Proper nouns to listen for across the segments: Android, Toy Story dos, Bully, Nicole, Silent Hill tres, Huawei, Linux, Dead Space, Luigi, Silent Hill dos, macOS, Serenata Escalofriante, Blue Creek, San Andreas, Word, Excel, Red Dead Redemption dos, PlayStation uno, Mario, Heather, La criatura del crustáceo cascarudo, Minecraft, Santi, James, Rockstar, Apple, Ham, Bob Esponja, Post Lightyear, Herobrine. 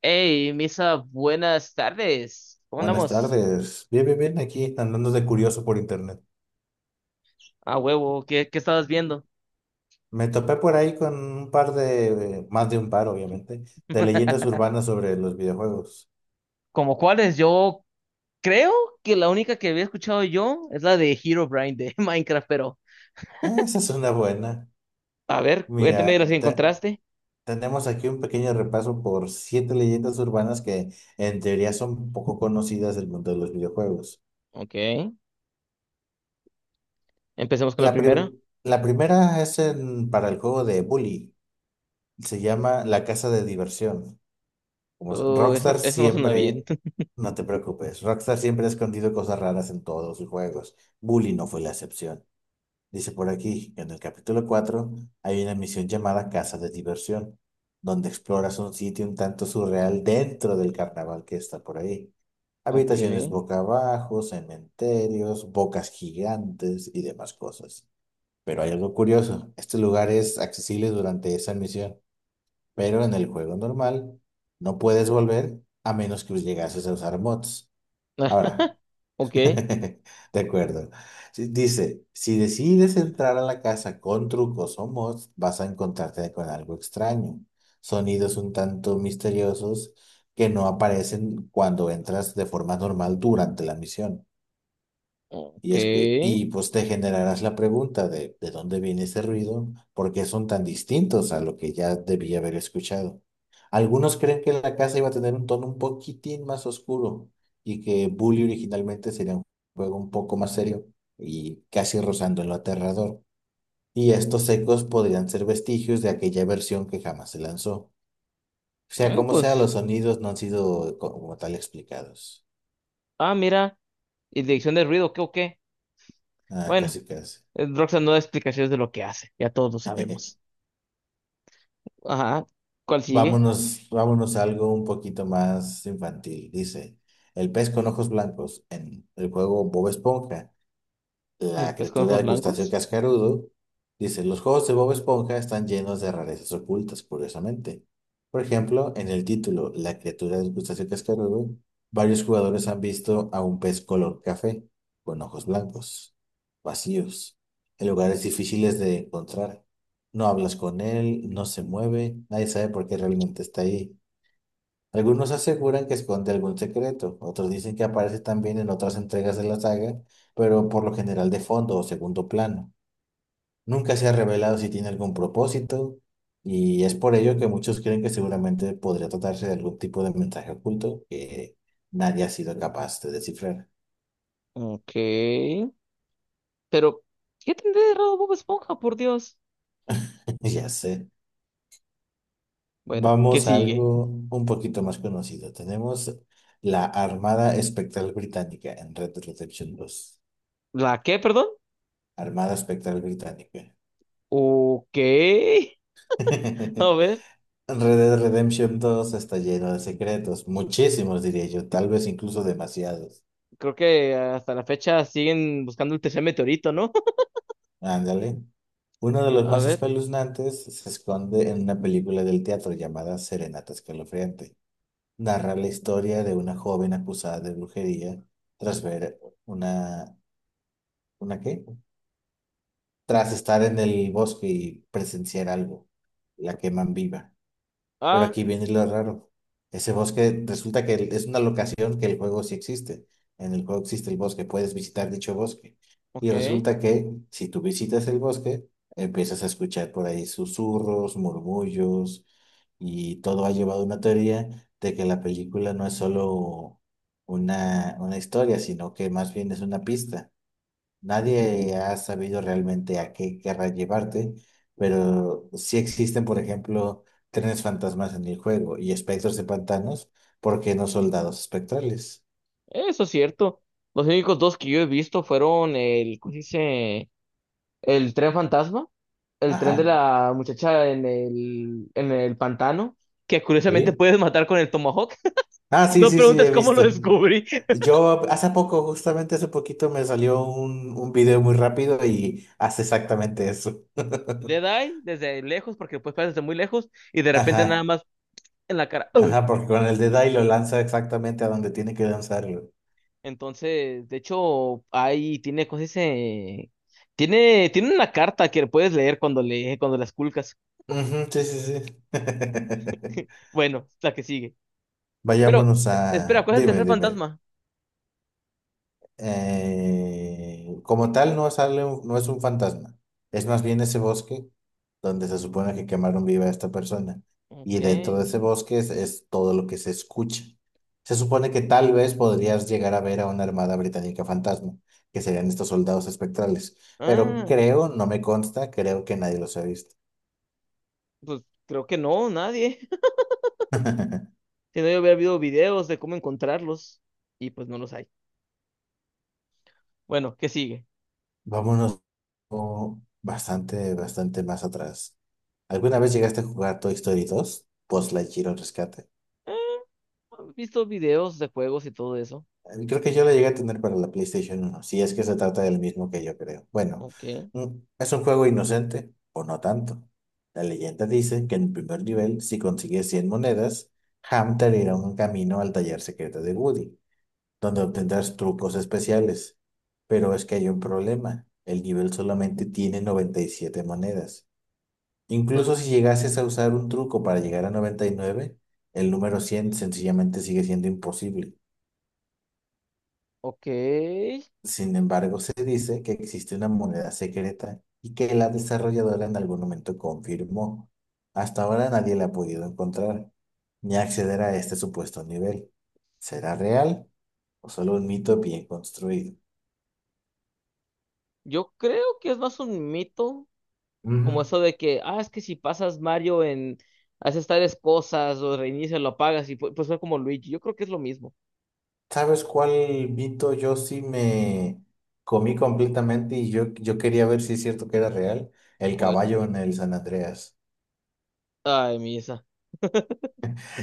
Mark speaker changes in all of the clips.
Speaker 1: Hey, Misa, buenas tardes. ¿Cómo
Speaker 2: Buenas
Speaker 1: andamos?
Speaker 2: tardes. Bien, bien, bien, aquí andando de curioso por internet.
Speaker 1: A huevo, ¿qué, qué estabas viendo?
Speaker 2: Me topé por ahí con un par de, más de un par, obviamente, de leyendas urbanas sobre los videojuegos.
Speaker 1: Como cuáles, yo creo que la única que había escuchado yo es la de Herobrine de Minecraft, pero
Speaker 2: Ah, esa es una buena.
Speaker 1: a ver, cuéntame
Speaker 2: Mira,
Speaker 1: de las que encontraste.
Speaker 2: tenemos aquí un pequeño repaso por siete leyendas urbanas que en teoría son poco conocidas del mundo de los videojuegos.
Speaker 1: Ok, empecemos con la
Speaker 2: La, pri-
Speaker 1: primera.
Speaker 2: la primera es para el juego de Bully. Se llama La Casa de Diversión.
Speaker 1: Eso,
Speaker 2: Rockstar
Speaker 1: eso no suena
Speaker 2: siempre.
Speaker 1: bien.
Speaker 2: No te preocupes, Rockstar siempre ha escondido cosas raras en todos sus juegos. Bully no fue la excepción. Dice por aquí que en el capítulo cuatro hay una misión llamada Casa de Diversión, donde exploras un sitio un tanto surreal dentro del carnaval que está por ahí.
Speaker 1: Ok,
Speaker 2: Habitaciones boca abajo, cementerios, bocas gigantes y demás cosas. Pero hay algo curioso, este lugar es accesible durante esa misión, pero en el juego normal no puedes volver a menos que llegases a usar mods. Ahora,
Speaker 1: ok,
Speaker 2: de acuerdo. Sí, dice, si decides entrar a la casa con trucos o mods, vas a encontrarte con algo extraño. Sonidos un tanto misteriosos que no aparecen cuando entras de forma normal durante la misión. Y, es que,
Speaker 1: ok.
Speaker 2: y pues te generarás la pregunta ¿de dónde viene ese ruido? ¿Por qué son tan distintos a lo que ya debía haber escuchado? Algunos creen que la casa iba a tener un tono un poquitín más oscuro y que Bully originalmente sería un juego un poco más serio y casi rozando en lo aterrador. Y estos ecos podrían ser vestigios de aquella versión que jamás se lanzó. Sea como sea,
Speaker 1: Pues,
Speaker 2: los sonidos no han sido como tal explicados.
Speaker 1: mira, y dirección de ruido, ¿qué o qué?
Speaker 2: Ah,
Speaker 1: Bueno,
Speaker 2: casi casi.
Speaker 1: Roxanne no da explicaciones de lo que hace, ya todos lo sabemos. Ajá. ¿Cuál sigue?
Speaker 2: Vámonos, vámonos a algo un poquito más infantil. Dice, el pez con ojos blancos en el juego Bob Esponja,
Speaker 1: El
Speaker 2: la
Speaker 1: pez con
Speaker 2: criatura
Speaker 1: ojos
Speaker 2: del crustáceo
Speaker 1: blancos.
Speaker 2: cascarudo. Dice, los juegos de Bob Esponja están llenos de rarezas ocultas, curiosamente. Por ejemplo, en el título La criatura del crustáceo cascarudo, varios jugadores han visto a un pez color café, con ojos blancos, vacíos, en lugares difíciles de encontrar. No hablas con él, no se mueve, nadie sabe por qué realmente está ahí. Algunos aseguran que esconde algún secreto, otros dicen que aparece también en otras entregas de la saga, pero por lo general de fondo o segundo plano. Nunca se ha revelado si tiene algún propósito, y es por ello que muchos creen que seguramente podría tratarse de algún tipo de mensaje oculto que nadie ha sido capaz de descifrar.
Speaker 1: Ok. Pero, ¿qué tendré de raro Bob Esponja, por Dios?
Speaker 2: Ya sé.
Speaker 1: Bueno, ¿qué
Speaker 2: Vamos a
Speaker 1: sigue?
Speaker 2: algo un poquito más conocido. Tenemos la Armada Espectral Británica en Red Dead Redemption dos.
Speaker 1: ¿La qué, perdón?
Speaker 2: Armada Espectral Británica.
Speaker 1: Ok. A ver,
Speaker 2: Red Dead Redemption dos está lleno de secretos, muchísimos diría yo, tal vez incluso demasiados.
Speaker 1: creo que hasta la fecha siguen buscando el tercer meteorito, ¿no?
Speaker 2: Ándale. Uno de los
Speaker 1: A
Speaker 2: más
Speaker 1: ver.
Speaker 2: espeluznantes se esconde en una película del teatro llamada Serenata Escalofriante. Narra la historia de una joven acusada de brujería tras ver una... ¿Una qué? Tras estar en el bosque y presenciar algo. La queman viva. Pero
Speaker 1: Ah,
Speaker 2: aquí viene lo raro. Ese bosque resulta que es una locación que el juego sí existe. En el juego existe el bosque, puedes visitar dicho bosque. Y
Speaker 1: ok.
Speaker 2: resulta que si tú visitas el bosque, empiezas a escuchar por ahí susurros, murmullos, y todo ha llevado a una teoría de que la película no es solo una historia, sino que más bien es una pista. Nadie ha sabido realmente a qué querrá llevarte, pero sí existen, por ejemplo, trenes fantasmas en el juego y espectros de pantanos, ¿por qué no soldados espectrales?
Speaker 1: Eso es cierto. Los únicos dos que yo he visto fueron el, ¿cómo se dice? El tren fantasma, el tren de
Speaker 2: Ajá,
Speaker 1: la muchacha en el pantano, que curiosamente
Speaker 2: ¿sí?
Speaker 1: puedes matar con el tomahawk.
Speaker 2: Ah, sí,
Speaker 1: No
Speaker 2: sí, sí,
Speaker 1: preguntes
Speaker 2: he
Speaker 1: cómo lo
Speaker 2: visto.
Speaker 1: descubrí.
Speaker 2: Yo hace poco, justamente hace poquito, me salió un video muy rápido y hace exactamente eso.
Speaker 1: Dead eye desde lejos, porque puedes pasar desde muy lejos, y de repente nada
Speaker 2: Ajá,
Speaker 1: más en la cara. ¡Ugh!
Speaker 2: ajá, porque con el de y lo lanza exactamente a donde tiene que lanzarlo.
Speaker 1: Entonces, de hecho, ahí tiene, ¿cómo se dice? Tiene una carta que puedes leer cuando cuando la esculcas.
Speaker 2: Ujú, sí, sí, sí.
Speaker 1: Bueno, la que sigue. Pero,
Speaker 2: Vayámonos
Speaker 1: espera,
Speaker 2: a,
Speaker 1: ¿cuál es el
Speaker 2: dime,
Speaker 1: tercer
Speaker 2: dime,
Speaker 1: fantasma?
Speaker 2: como tal no sale no es un fantasma, es más bien ese bosque donde se supone que quemaron viva a esta persona y
Speaker 1: Ok.
Speaker 2: dentro de ese bosque es todo lo que se escucha. Se supone que tal vez podrías llegar a ver a una armada británica fantasma, que serían estos soldados espectrales, pero
Speaker 1: Ah,
Speaker 2: creo, no me consta, creo que nadie los ha visto.
Speaker 1: pues creo que no, nadie. Si no, yo hubiera habido videos de cómo encontrarlos y pues no los hay. Bueno, ¿qué sigue?
Speaker 2: Vámonos o bastante, bastante más atrás. ¿Alguna vez llegaste a jugar Toy Story dos: Post Lightyear o Rescate?
Speaker 1: Eh, He visto videos de juegos y todo eso.
Speaker 2: Creo que yo lo llegué a tener para la PlayStation uno si es que se trata del mismo que yo creo. Bueno,
Speaker 1: Ok.
Speaker 2: mm, es un juego inocente, o no tanto. La leyenda dice que en el primer nivel, si consigues 100 monedas, Ham te abrirá un camino al taller secreto de Woody, donde obtendrás trucos especiales. Pero es que hay un problema. El nivel solamente tiene 97 monedas.
Speaker 1: Entonces,
Speaker 2: Incluso si llegases a usar un truco para llegar a 99, el número 100 sencillamente sigue siendo imposible.
Speaker 1: ok.
Speaker 2: Sin embargo, se dice que existe una moneda secreta y que la desarrolladora en algún momento confirmó. Hasta ahora nadie la ha podido encontrar ni acceder a este supuesto nivel. ¿Será real o solo un mito bien construido?
Speaker 1: Yo creo que es más un mito, como
Speaker 2: Ujú.
Speaker 1: eso de que, es que si pasas Mario haces tales cosas o reinicias, lo apagas y pues fue como Luigi. Yo creo que es lo mismo.
Speaker 2: ¿Sabes cuál mito yo sí me comí completamente y yo quería ver si es cierto que era real? El
Speaker 1: ¿Cuál?
Speaker 2: caballo en el San Andreas.
Speaker 1: Ay, Misa.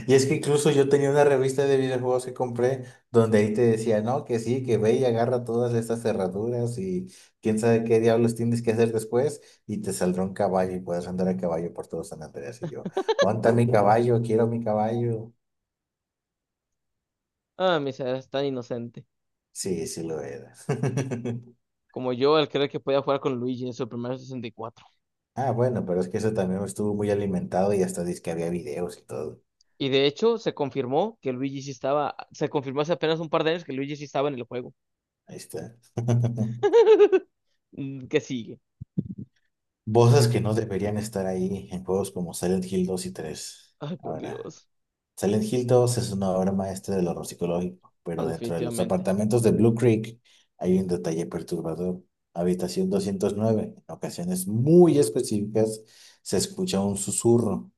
Speaker 2: Y es que incluso yo tenía una revista de videojuegos que compré donde ahí te decía, no, que sí, que ve y agarra todas estas cerraduras y quién sabe qué diablos tienes que hacer después y te saldrá un caballo y puedes andar a caballo por todo San Andreas. Y yo, ¿dónde está mi caballo? Quiero mi caballo.
Speaker 1: Ah, Misa, eres tan inocente.
Speaker 2: Sí, sí lo era.
Speaker 1: Como yo al creer que podía jugar con Luigi en su primer 64.
Speaker 2: Ah, bueno, pero es que eso también estuvo muy alimentado y hasta dice que había videos y todo.
Speaker 1: Y de hecho, se confirmó que Luigi sí estaba, se confirmó hace apenas un par de años que Luigi sí estaba en el juego.
Speaker 2: Ahí está.
Speaker 1: Mm, ¿qué sigue?
Speaker 2: Voces que no deberían estar ahí en juegos como Silent Hill dos y 3.
Speaker 1: Ay, por
Speaker 2: Ahora,
Speaker 1: Dios.
Speaker 2: Silent Hill dos es una obra maestra del horror psicológico,
Speaker 1: No,
Speaker 2: pero dentro de los
Speaker 1: definitivamente.
Speaker 2: apartamentos de Blue Creek hay un detalle perturbador. Habitación 209. En ocasiones muy específicas se escucha un susurro,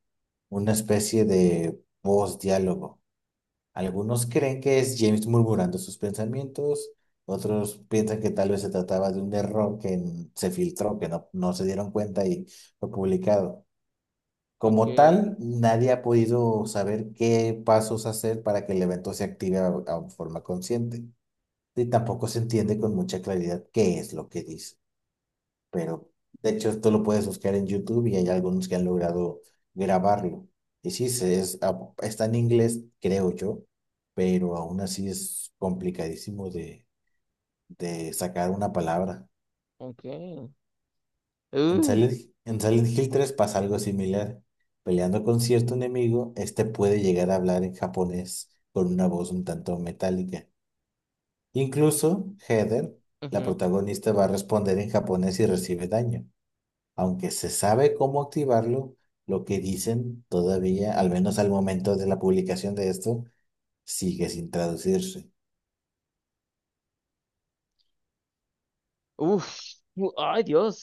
Speaker 2: una especie de voz, diálogo. Algunos creen que es James murmurando sus pensamientos, otros piensan que tal vez se trataba de un error que se filtró, que no se dieron cuenta y fue publicado.
Speaker 1: Ok,
Speaker 2: Como tal, nadie ha podido saber qué pasos hacer para que el evento se active a forma consciente. Y tampoco se entiende con mucha claridad qué es lo que dice, pero de hecho esto lo puedes buscar en YouTube y hay algunos que han logrado grabarlo. Y sí, es, está en inglés, creo yo, pero aún así es complicadísimo de sacar una palabra.
Speaker 1: ok.
Speaker 2: En
Speaker 1: Uh,
Speaker 2: Silent, en Silent Hill tres pasa algo similar. Peleando con cierto enemigo, este puede llegar a hablar en japonés con una voz un tanto metálica. Incluso Heather, la
Speaker 1: ujú.
Speaker 2: protagonista, va a responder en japonés y recibe daño. Aunque se sabe cómo activarlo, lo que dicen todavía, al menos al momento de la publicación de esto, sigue sin traducirse.
Speaker 1: Uf, ay, Dios.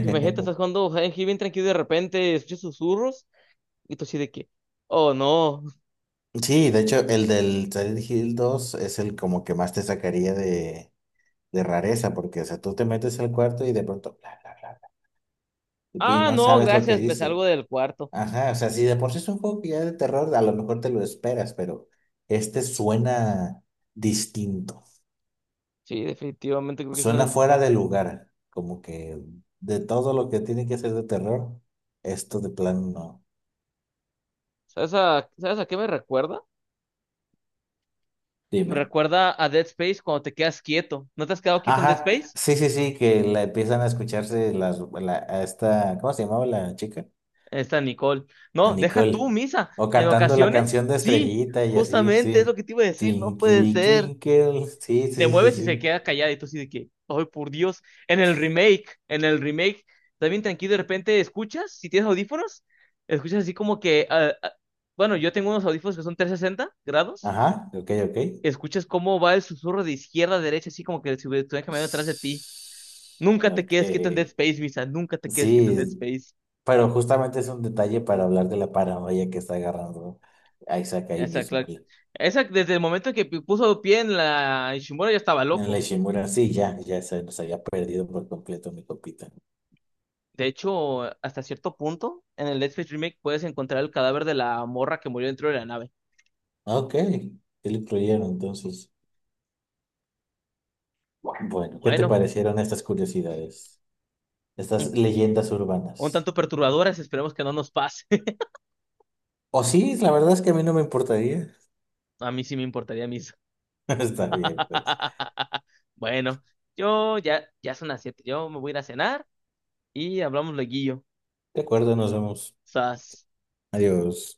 Speaker 1: Imagínate, estás jugando Silent Hill bien tranquilo y de repente escuchas susurros y tú así de que, oh, no.
Speaker 2: Sí, de hecho, el del Silent Hill dos es el como que más te sacaría de rareza, porque, o sea, tú te metes al cuarto y de pronto, bla, bla, bla, bla, y
Speaker 1: Ah,
Speaker 2: no
Speaker 1: no,
Speaker 2: sabes lo que
Speaker 1: gracias, me
Speaker 2: dice.
Speaker 1: salgo del cuarto.
Speaker 2: Ajá, o sea, si de por sí es un juego que ya es de terror, a lo mejor te lo esperas, pero este suena distinto.
Speaker 1: Sí, definitivamente creo que eso
Speaker 2: Suena fuera
Speaker 1: necesito.
Speaker 2: de lugar, como que de todo lo que tiene que ser de terror, esto de plano no.
Speaker 1: ¿Sabes a qué me recuerda? Me
Speaker 2: Dime.
Speaker 1: recuerda a Dead Space cuando te quedas quieto. ¿No te has quedado quieto en Dead
Speaker 2: Ajá,
Speaker 1: Space?
Speaker 2: sí, sí, sí, que la empiezan a escucharse a esta, ¿cómo se llamaba la chica?
Speaker 1: Ahí está Nicole.
Speaker 2: A
Speaker 1: No, deja tú,
Speaker 2: Nicole.
Speaker 1: Misa.
Speaker 2: O
Speaker 1: En
Speaker 2: cantando la
Speaker 1: ocasiones,
Speaker 2: canción de
Speaker 1: sí,
Speaker 2: Estrellita y así,
Speaker 1: justamente es lo
Speaker 2: sí.
Speaker 1: que te iba a decir, no puede
Speaker 2: Twinkle,
Speaker 1: ser.
Speaker 2: twinkle. Sí, sí,
Speaker 1: Te
Speaker 2: sí, sí,
Speaker 1: mueves y se
Speaker 2: sí.
Speaker 1: queda callada y tú así de que, ay, por Dios, en el remake, también tranquilo, de repente escuchas, si tienes audífonos, escuchas así como que, ah, ah, bueno, yo tengo unos audífonos que son 360 grados,
Speaker 2: Ajá, ok, ok.
Speaker 1: escuchas cómo va el susurro de izquierda a derecha, así como que si estuvieran caminando detrás de ti.
Speaker 2: Ps-
Speaker 1: Nunca te
Speaker 2: Ok.
Speaker 1: quedes quieto en Dead Space, Misa. Nunca te quedes quieto en Dead
Speaker 2: Sí,
Speaker 1: Space.
Speaker 2: pero justamente es un detalle para hablar de la paranoia que está agarrando Isaac ahí
Speaker 1: Esa,
Speaker 2: mismo.
Speaker 1: Clark. Esa, desde el momento que puso pie en la Ishimura ya estaba
Speaker 2: En la
Speaker 1: loco.
Speaker 2: Ishimura, sí, ya, ya se nos había perdido por completo mi copita.
Speaker 1: De hecho, hasta cierto punto, en el Dead Space Remake puedes encontrar el cadáver de la morra que murió dentro de la nave.
Speaker 2: Ok, sí lo incluyeron entonces. Bueno, ¿qué te
Speaker 1: Bueno,
Speaker 2: parecieron estas curiosidades? Estas
Speaker 1: un,
Speaker 2: leyendas
Speaker 1: un
Speaker 2: urbanas.
Speaker 1: tanto perturbadoras, esperemos que no nos pase.
Speaker 2: O sí, la verdad es que a mí no me importaría.
Speaker 1: A mí sí me importaría, Misa.
Speaker 2: Está bien, pues.
Speaker 1: Bueno, ya son las siete. Yo me voy a ir a cenar y hablamos luego.
Speaker 2: De acuerdo, nos vemos.
Speaker 1: Sas.
Speaker 2: Adiós.